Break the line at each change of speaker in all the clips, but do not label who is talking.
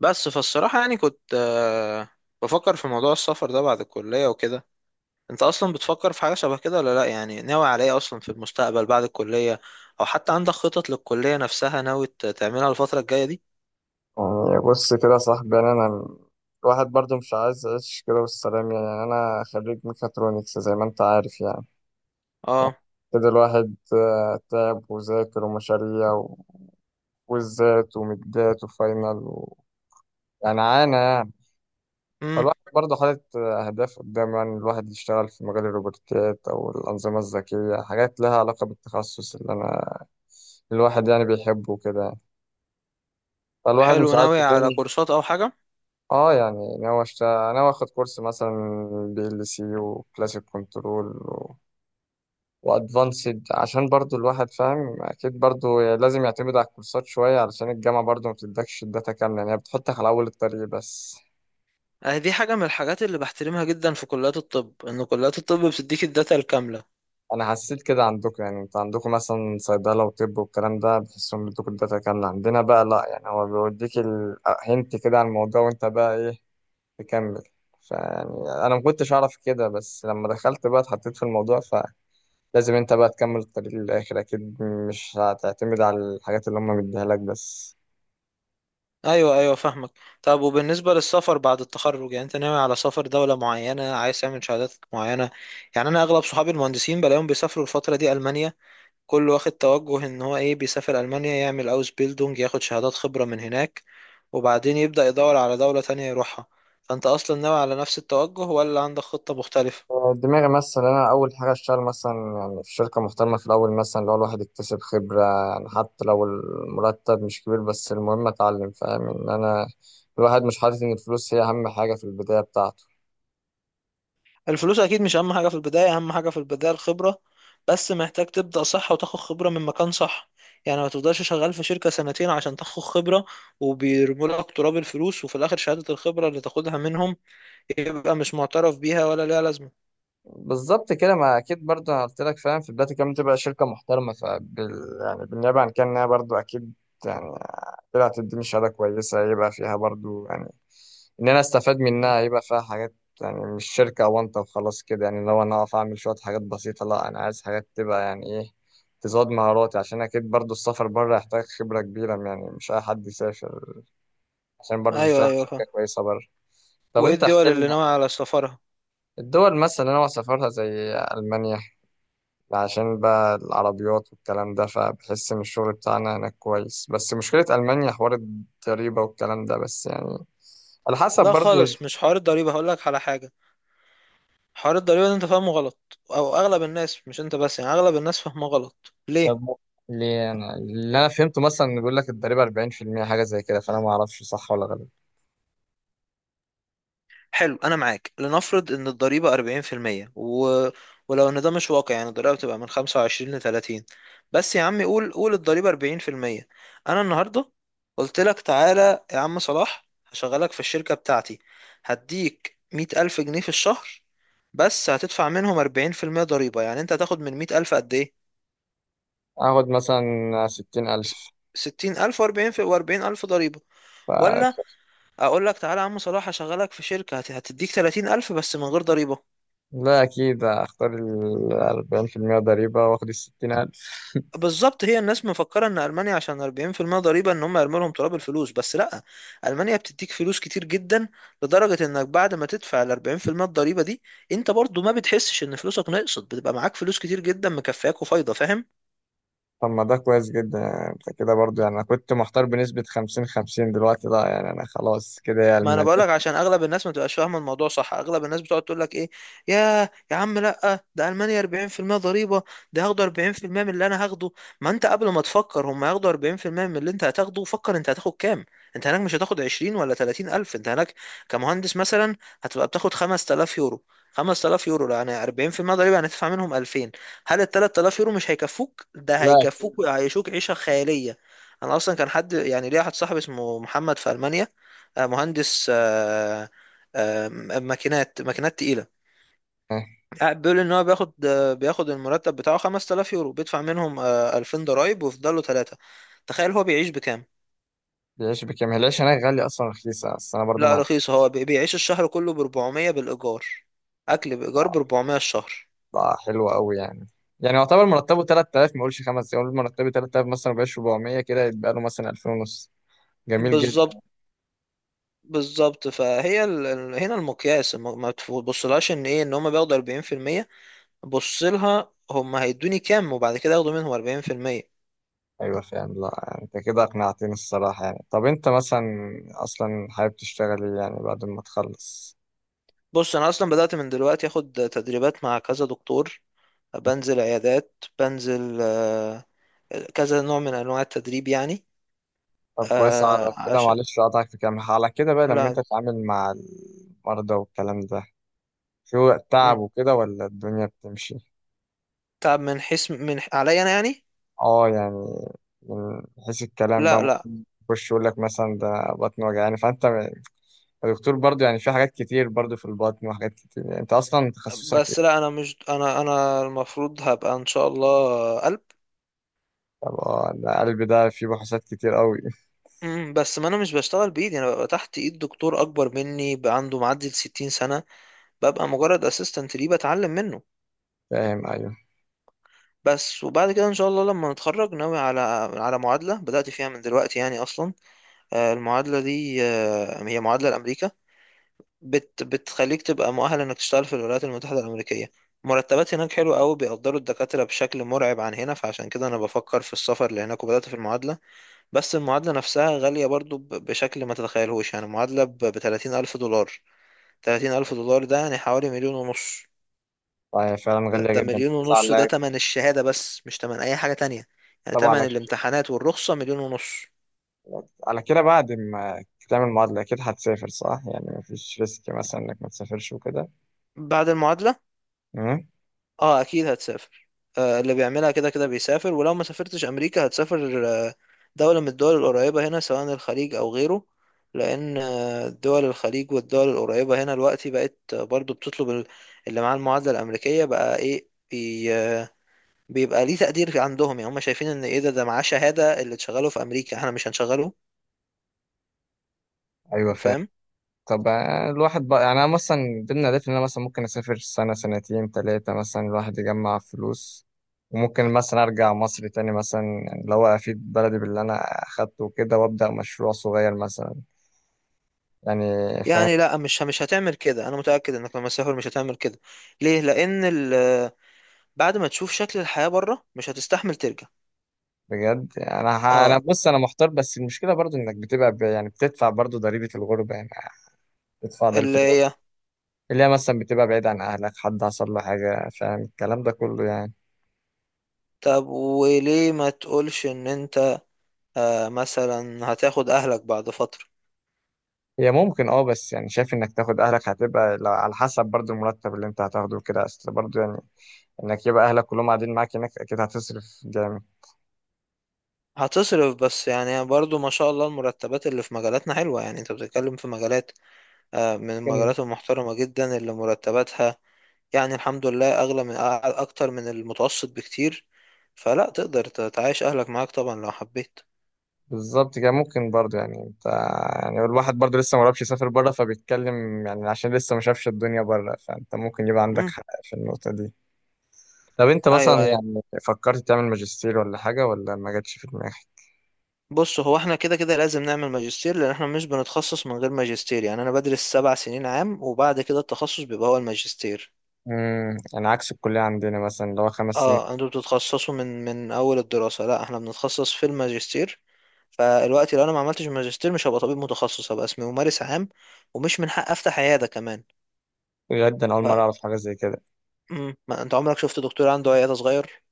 بس فالصراحة يعني كنت بفكر في موضوع السفر ده بعد الكلية وكده. انت اصلا بتفكر في حاجة شبه كده ولا لا؟ يعني ناوي على ايه اصلا في المستقبل بعد الكلية؟ او حتى عندك خطط للكلية نفسها ناوي تعملها الفترة الجاية دي؟
يعني بص كده يا صاحبي، يعني انا الواحد برضو مش عايز يعيش كده بالسلام. يعني انا خريج ميكاترونكس زي ما انت عارف يعني
اه.
كده الواحد تعب وذاكر ومشاريع وزات ومدات وفاينل يعني عانى يعني.
امم
فالواحد برضه حاطط أهداف قدامه، يعني الواحد يشتغل في مجال الروبوتات أو الأنظمة الذكية، حاجات لها علاقة بالتخصص اللي أنا الواحد يعني بيحبه كده. فالواحد مش
حلو،
عارف.
ناوي على كورسات او حاجة؟
اه يعني ناوي اخد كورس مثلا، بي ال سي وكلاسيك كنترول وادفانسد، عشان برضو الواحد فاهم اكيد برضو لازم يعتمد على الكورسات شوية، علشان الجامعة برضو ما بتدكش الداتا كاملة، يعني هي بتحطك على اول الطريق بس.
دي حاجة من الحاجات اللي بحترمها جدا في كليات الطب، ان كليات الطب بتديك الداتا الكاملة.
انا حسيت كده عندكم، يعني انت عندكم مثلا صيدلة وطب والكلام ده بحسهم بيدوك الداتا كاملة، عندنا بقى لا، يعني هو بيوديك الهنت كده عن الموضوع وانت بقى ايه تكمل. فيعني انا ما كنتش اعرف كده، بس لما دخلت بقى اتحطيت في الموضوع لازم انت بقى تكمل الطريق للآخر، أكيد مش هتعتمد على الحاجات اللي هم مديها لك بس.
ايوه، ايوه، فاهمك. طب وبالنسبه للسفر بعد التخرج، يعني انت ناوي على سفر دوله معينه؟ عايز تعمل شهادات معينه؟ يعني انا اغلب صحابي المهندسين بلاقيهم بيسافروا الفتره دي المانيا، كل واخد توجه ان هو ايه، بيسافر المانيا يعمل اوس بيلدونج، ياخد شهادات خبره من هناك، وبعدين يبدا يدور على دوله تانية يروحها. فانت اصلا ناوي على نفس التوجه ولا عندك خطه مختلفه؟
دماغي مثلا أنا أول حاجة أشتغل مثلا يعني في شركة محترمة في الأول، مثلا لو الواحد يكتسب خبرة، يعني حتى لو المرتب مش كبير بس المهم أتعلم. فاهم إن أنا الواحد مش حاطط إن الفلوس هي أهم حاجة في البداية بتاعته.
الفلوس اكيد مش اهم حاجه في البدايه، اهم حاجه في البدايه الخبره. بس محتاج تبدا صح وتاخد خبره من مكان صح، يعني ما تفضلش شغال في شركه سنتين عشان تاخد خبره وبيرموا لك تراب الفلوس وفي الاخر شهاده الخبره اللي تاخدها منهم يبقى مش معترف بيها ولا ليها لازمه.
بالظبط كده، ما اكيد برضه انا قلت لك فاهم في بدايه الكلام تبقى شركه محترمه فبال، يعني بالنيابه عن كده، إنها برضه اكيد يعني طلعت تديني شهاده كويسه يبقى فيها برضه، يعني ان انا استفاد
م.
منها يبقى فيها حاجات. يعني مش شركه وانت وخلاص كده. يعني لو انا اقف اعمل شويه حاجات بسيطه، لا انا عايز حاجات تبقى يعني ايه، تزود مهاراتي، عشان اكيد برضه السفر بره يحتاج خبره كبيره، يعني مش اي حد يسافر عشان برضه
ايوه،
تشتغل في
ايوه،
شركه
فاهم.
كويسه بره. طب
وايه
انت احكي
الدول اللي
لنا.
ناوي على سفرها؟
الدول مثلا اللي انا سافرتها زي المانيا، عشان بقى العربيات والكلام ده فبحس إن الشغل بتاعنا هناك كويس، بس مشكلة ألمانيا حوار الضريبة والكلام ده، بس يعني على حسب
لا
برضو.
خالص، مش حوار الضريبه، هقول لك على حاجه. حوار الضريبه ده انت فاهمه غلط، او اغلب الناس، مش انت بس، يعني اغلب الناس فاهمه غلط. ليه؟
طب ليه أنا اللي أنا فهمته مثلا إن بيقول لك الضريبة 40% حاجة زي كده، فأنا ما أعرفش صح ولا غلط.
حلو، انا معاك، لنفرض ان الضريبه 40% ولو ان ده مش واقع، يعني الضريبه بتبقى من 25 ل 30، بس يا عم قول قول الضريبه 40%. انا النهارده قلت لك تعالى يا عم صلاح هشغلك في الشركه بتاعتي، هديك 100000 جنيه في الشهر، بس هتدفع منهم 40% ضريبه. يعني انت هتاخد من 100000 قد ايه؟
آخد مثلا 60,000.
س- 60000 و40 و40000 ضريبه.
ف
ولا اقول لك تعالى يا عم صلاح هشغلك في شركه هتديك 30000 بس من غير ضريبه؟
لا أكيد أختار ال 40% ضريبة وآخد ال 60,000.
بالظبط، هي الناس مفكرة ان المانيا عشان 40% ضريبة ان هم يرموا لهم تراب الفلوس، بس لا. المانيا بتديك فلوس كتير جدا، لدرجة انك بعد ما تدفع ال 40% الضريبة دي، انت برضو ما بتحسش ان فلوسك نقصت، بتبقى معاك فلوس كتير جدا، مكفياك وفايضة، فاهم؟
طب ما ده كويس جدا، يعني أنت كده برضو. يعني أنا كنت محتار بنسبة 50 50، دلوقتي لا، يعني أنا خلاص كده يا
ما انا
ألمانيا.
بقولك عشان اغلب الناس ما تبقاش فاهمه الموضوع صح. اغلب الناس بتقعد تقول لك ايه، يا عم، لا ده المانيا 40% ضريبه، ده هياخدوا 40% من اللي انا هاخده. ما انت قبل ما تفكر هم هياخدوا 40% من اللي انت هتاخده، فكر انت هتاخد كام. انت هناك مش هتاخد 20 ولا 30 الف، انت هناك كمهندس مثلا هتبقى بتاخد 5000 يورو. 5000 يورو يعني 40% ضريبه، يعني هتدفع منهم 2000. هل ال 3000 يورو مش هيكفوك؟ ده
لا أكيد.
هيكفوك ويعيشوك عيشه خياليه. انا اصلا كان حد، يعني ليا واحد صاحبي اسمه محمد في المانيا، مهندس آه، ماكينات ماكينات تقيلة.
آه،
قاعد بيقول ان هو بياخد المرتب بتاعه 5000 يورو، بيدفع منهم 2000 ضرايب، ويفضل له 3. تخيل هو بيعيش بكام؟
العيش بكام؟ العيش هناك غالي أصلا رخيص، بس أنا برضو
لا
مع.
رخيص، هو بيعيش الشهر كله ب 400 بالإيجار، أكل بإيجار ب 400 الشهر.
حلوة أوي يعني. يعني يعتبر مرتبه 3000، ما أقولش 5، يقول مرتبه 3000 مثلا، بقاش 400، كده يبقى له مثلا 2000 ونص. جميل جدا.
بالظبط، بالظبط. فهي هنا المقياس، ما تبصلهاش ان ايه، ان هم بياخدوا 40%. بص لها هم هيدوني كام، وبعد كده ياخدوا منهم 40%.
أيوة فاهم. لا أنت كده أقنعتني الصراحة. يعني طب أنت مثلا أصلا حابب تشتغل إيه يعني بعد ما تخلص؟
بص انا اصلا بدأت من دلوقتي اخد تدريبات مع كذا دكتور، بنزل عيادات، بنزل كذا نوع من انواع التدريب يعني.
طب كويس. على كده
عشان،
معلش أقطعك في كلام، على كده بقى لما أنت
لا.
تتعامل مع المرضى والكلام ده، في وقت تعب
مم.
وكده ولا الدنيا بتمشي؟
تعب من حيث من عليا انا يعني.
اه يعني من حيث الكلام بقى
لا، لا.
ممكن يخش يقول لك مثلا ده بطن وجعاني، الدكتور برضو يعني في حاجات كتير برضو في البطن وحاجات كتير، يعني انت اصلا تخصصك
بس
ايه؟
لا انا مش انا المفروض هبقى ان شاء الله قلب.
طب اه، ده قلب، ده فيه بحوثات كتير قوي.
بس ما انا مش بشتغل بايدي، انا ببقى تحت ايد دكتور اكبر مني بقى عنده معدي ال 60 سنة. ببقى مجرد اسيستنت ليه بتعلم منه.
فاهم ايوه.
بس وبعد كده ان شاء الله لما نتخرج ناوي على معادله بدات فيها من دلوقتي يعني. اصلا المعادله دي هي معادله لامريكا، بتخليك تبقى مؤهل انك تشتغل في الولايات المتحده الامريكيه. مرتبات هناك حلوه قوي، بيقدروا الدكاتره بشكل مرعب عن هنا، فعشان كده انا بفكر في السفر لهناك وبدات في المعادله. بس المعادله نفسها غاليه برضو بشكل ما تتخيلهوش، يعني معادله ب 30000 دولار. 30000 دولار ده يعني حوالي مليون ونص.
طيب فعلا غالية
ده
جدا.
مليون
بس
ونص، ده
على.
تمن الشهادة بس، مش تمن أي حاجة تانية. يعني
طب
تمن
على
الامتحانات والرخصة مليون ونص.
كده بعد ما تعمل معادلة اكيد هتسافر صح؟ يعني مفيش ريسك مثلا انك ما تسافرش وكده.
بعد المعادلة،
امم.
اه أكيد هتسافر. اللي بيعملها كده كده بيسافر، ولو ما سافرتش أمريكا هتسافر دولة من الدول القريبة هنا، سواء الخليج أو غيره. لأن دول الخليج والدول القريبة هنا دلوقتي بقت برضو بتطلب اللي معاه المعادلة الأمريكية بقى. إيه بي بيبقى ليه تقدير عندهم، يعني هم شايفين إن إيه، ده معاه شهادة اللي تشغله في أمريكا إحنا مش هنشغله.
ايوه فاهم.
فاهم؟
طب الواحد بقى يعني انا مثلا ضمن اهدافي ان انا مثلا ممكن اسافر سنه سنتين ثلاثه مثلا، الواحد يجمع فلوس وممكن مثلا ارجع مصر تاني مثلا، يعني اللي هو افيد بلدي باللي انا اخدته وكده وابدا مشروع صغير مثلا يعني. فاهم.
يعني لا، مش هتعمل كده، انا متاكد انك لما تسافر مش هتعمل كده. ليه؟ لان بعد ما تشوف شكل الحياه بره مش هتستحمل ترجع.
بجد انا انا
اه،
بص انا محتار، بس المشكله برضو انك يعني بتدفع برضو ضريبه الغربه. يعني بتدفع ضريبه
اللي
الغربه،
هي.
اللي هي مثلا بتبقى بعيد عن اهلك، حد حصل له حاجه، فاهم الكلام ده كله يعني.
طب وليه ما تقولش ان انت مثلا هتاخد اهلك بعد فتره؟
هي ممكن اه، بس يعني شايف انك تاخد اهلك هتبقى لا- على حسب برضو المرتب اللي انت هتاخده كده اصل برضو، يعني انك يبقى اهلك كلهم قاعدين معاك هناك اكيد هتصرف جامد.
هتصرف، بس يعني برضو ما شاء الله المرتبات اللي في مجالاتنا حلوه، يعني انت بتتكلم في مجالات من
ممكن.
المجالات المحترمه جدا اللي مرتباتها يعني الحمد لله اغلى من اكتر من المتوسط بكتير. فلا تقدر تعيش اهلك معاك طبعا لو حبيت.
بالظبط كده، ممكن برضو يعني انت يعني الواحد برضو لسه مجربش يسافر بره فبيتكلم، يعني عشان لسه ما شافش الدنيا بره، فانت ممكن يبقى عندك
مم.
حق في النقطة دي. طب انت مثلا
ايوه، ايوه.
يعني فكرت تعمل ماجستير ولا حاجة ولا ما جاتش في دماغك؟
بص هو احنا كده كده لازم نعمل ماجستير، لان احنا مش بنتخصص من غير ماجستير. يعني انا بدرس 7 سنين عام وبعد كده التخصص بيبقى هو الماجستير.
امم، يعني عكس الكلية عندنا مثلا اللي هو 5 سنين.
اه انتوا بتتخصصوا من اول الدراسة، لا احنا بنتخصص في الماجستير. فالوقت لو انا ما عملتش ماجستير مش هبقى طبيب متخصص، هبقى اسمي ممارس عام، ومش من حق افتح عيادة كمان.
بجد انا اول مرة
ف...
اعرف حاجة زي كده.
مم. ما انت عمرك شفت دكتور عنده عيادة صغير؟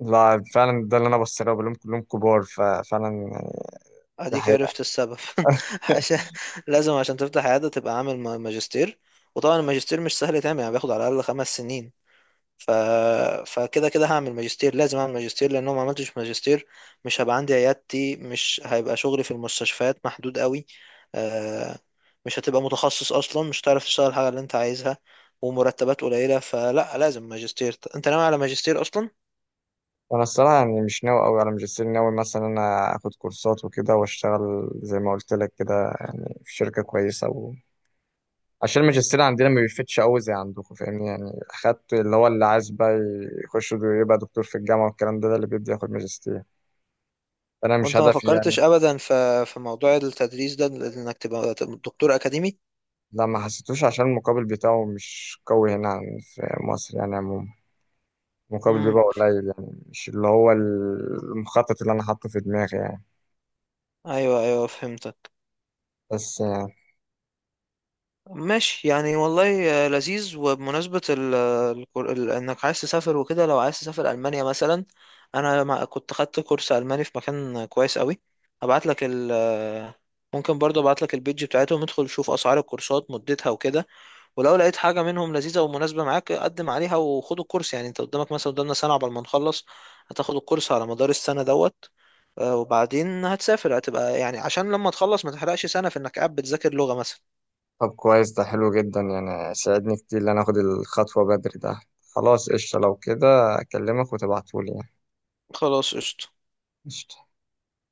لا فعلا، ده اللي انا بص له بقول لهم كلهم كبار، ففعلا يعني. ده
اديك
حقيقة.
عرفت السبب عشان لازم عشان تفتح عيادة تبقى عامل ماجستير. وطبعا الماجستير مش سهل يتعمل، يعني بياخد على الاقل 5 سنين. ف... فكده كده هعمل ماجستير، لازم اعمل ماجستير، لان لو ما عملتش ماجستير مش هبقى عندي عيادتي، مش هيبقى شغلي في المستشفيات محدود قوي، آه، مش هتبقى متخصص اصلا، مش هتعرف تشتغل الحاجة اللي انت عايزها، ومرتبات قليلة. فلا، لازم ماجستير. انت ناوي على ماجستير اصلا؟
انا الصراحة يعني مش ناوي قوي على ماجستير، ناوي مثلا انا اخد كورسات وكده واشتغل زي ما قلت لك كده، يعني في شركة كويسة عشان الماجستير عندنا ما بيفتش قوي زي عندكم، فاهمني، يعني اخدت اللي هو اللي عايز بقى يخش يبقى دكتور في الجامعة والكلام ده، ده اللي بيبدأ ياخد ماجستير. انا مش
وانت ما
هدفي يعني.
فكرتش ابدا في موضوع التدريس ده، انك تبقى دكتور اكاديمي؟
لا ما حسيتوش عشان المقابل بتاعه مش قوي هنا في مصر يعني عموما. مقابل
امم
بيبقى قليل، يعني مش اللي هو المخطط اللي انا حاطه في دماغي يعني.
ايوه، ايوه، فهمتك.
بس
ماشي يعني والله، لذيذ. وبمناسبة انك عايز تسافر وكده، لو عايز تسافر المانيا مثلا، انا كنت خدت كورس الماني في مكان كويس قوي. هبعت لك ال آه، ممكن برضه ابعت لك البيج بتاعتهم، ادخل شوف اسعار الكورسات مدتها وكده. ولو لقيت حاجة منهم لذيذة ومناسبة معاك قدم عليها وخد الكورس. يعني انت قدامك مثلا، قدامنا سنة عقبال ما نخلص، هتاخد الكورس على مدار السنة دوت. وبعدين هتسافر، هتبقى يعني عشان لما تخلص ما تحرقش سنة في انك قاعد بتذاكر لغة مثلا.
طب كويس ده حلو جدا، يعني ساعدني كتير ان انا اخد الخطوة بدري ده. خلاص قشطة لو كده. اكلمك وتبعتولي
خلاص قشطة.
يعني.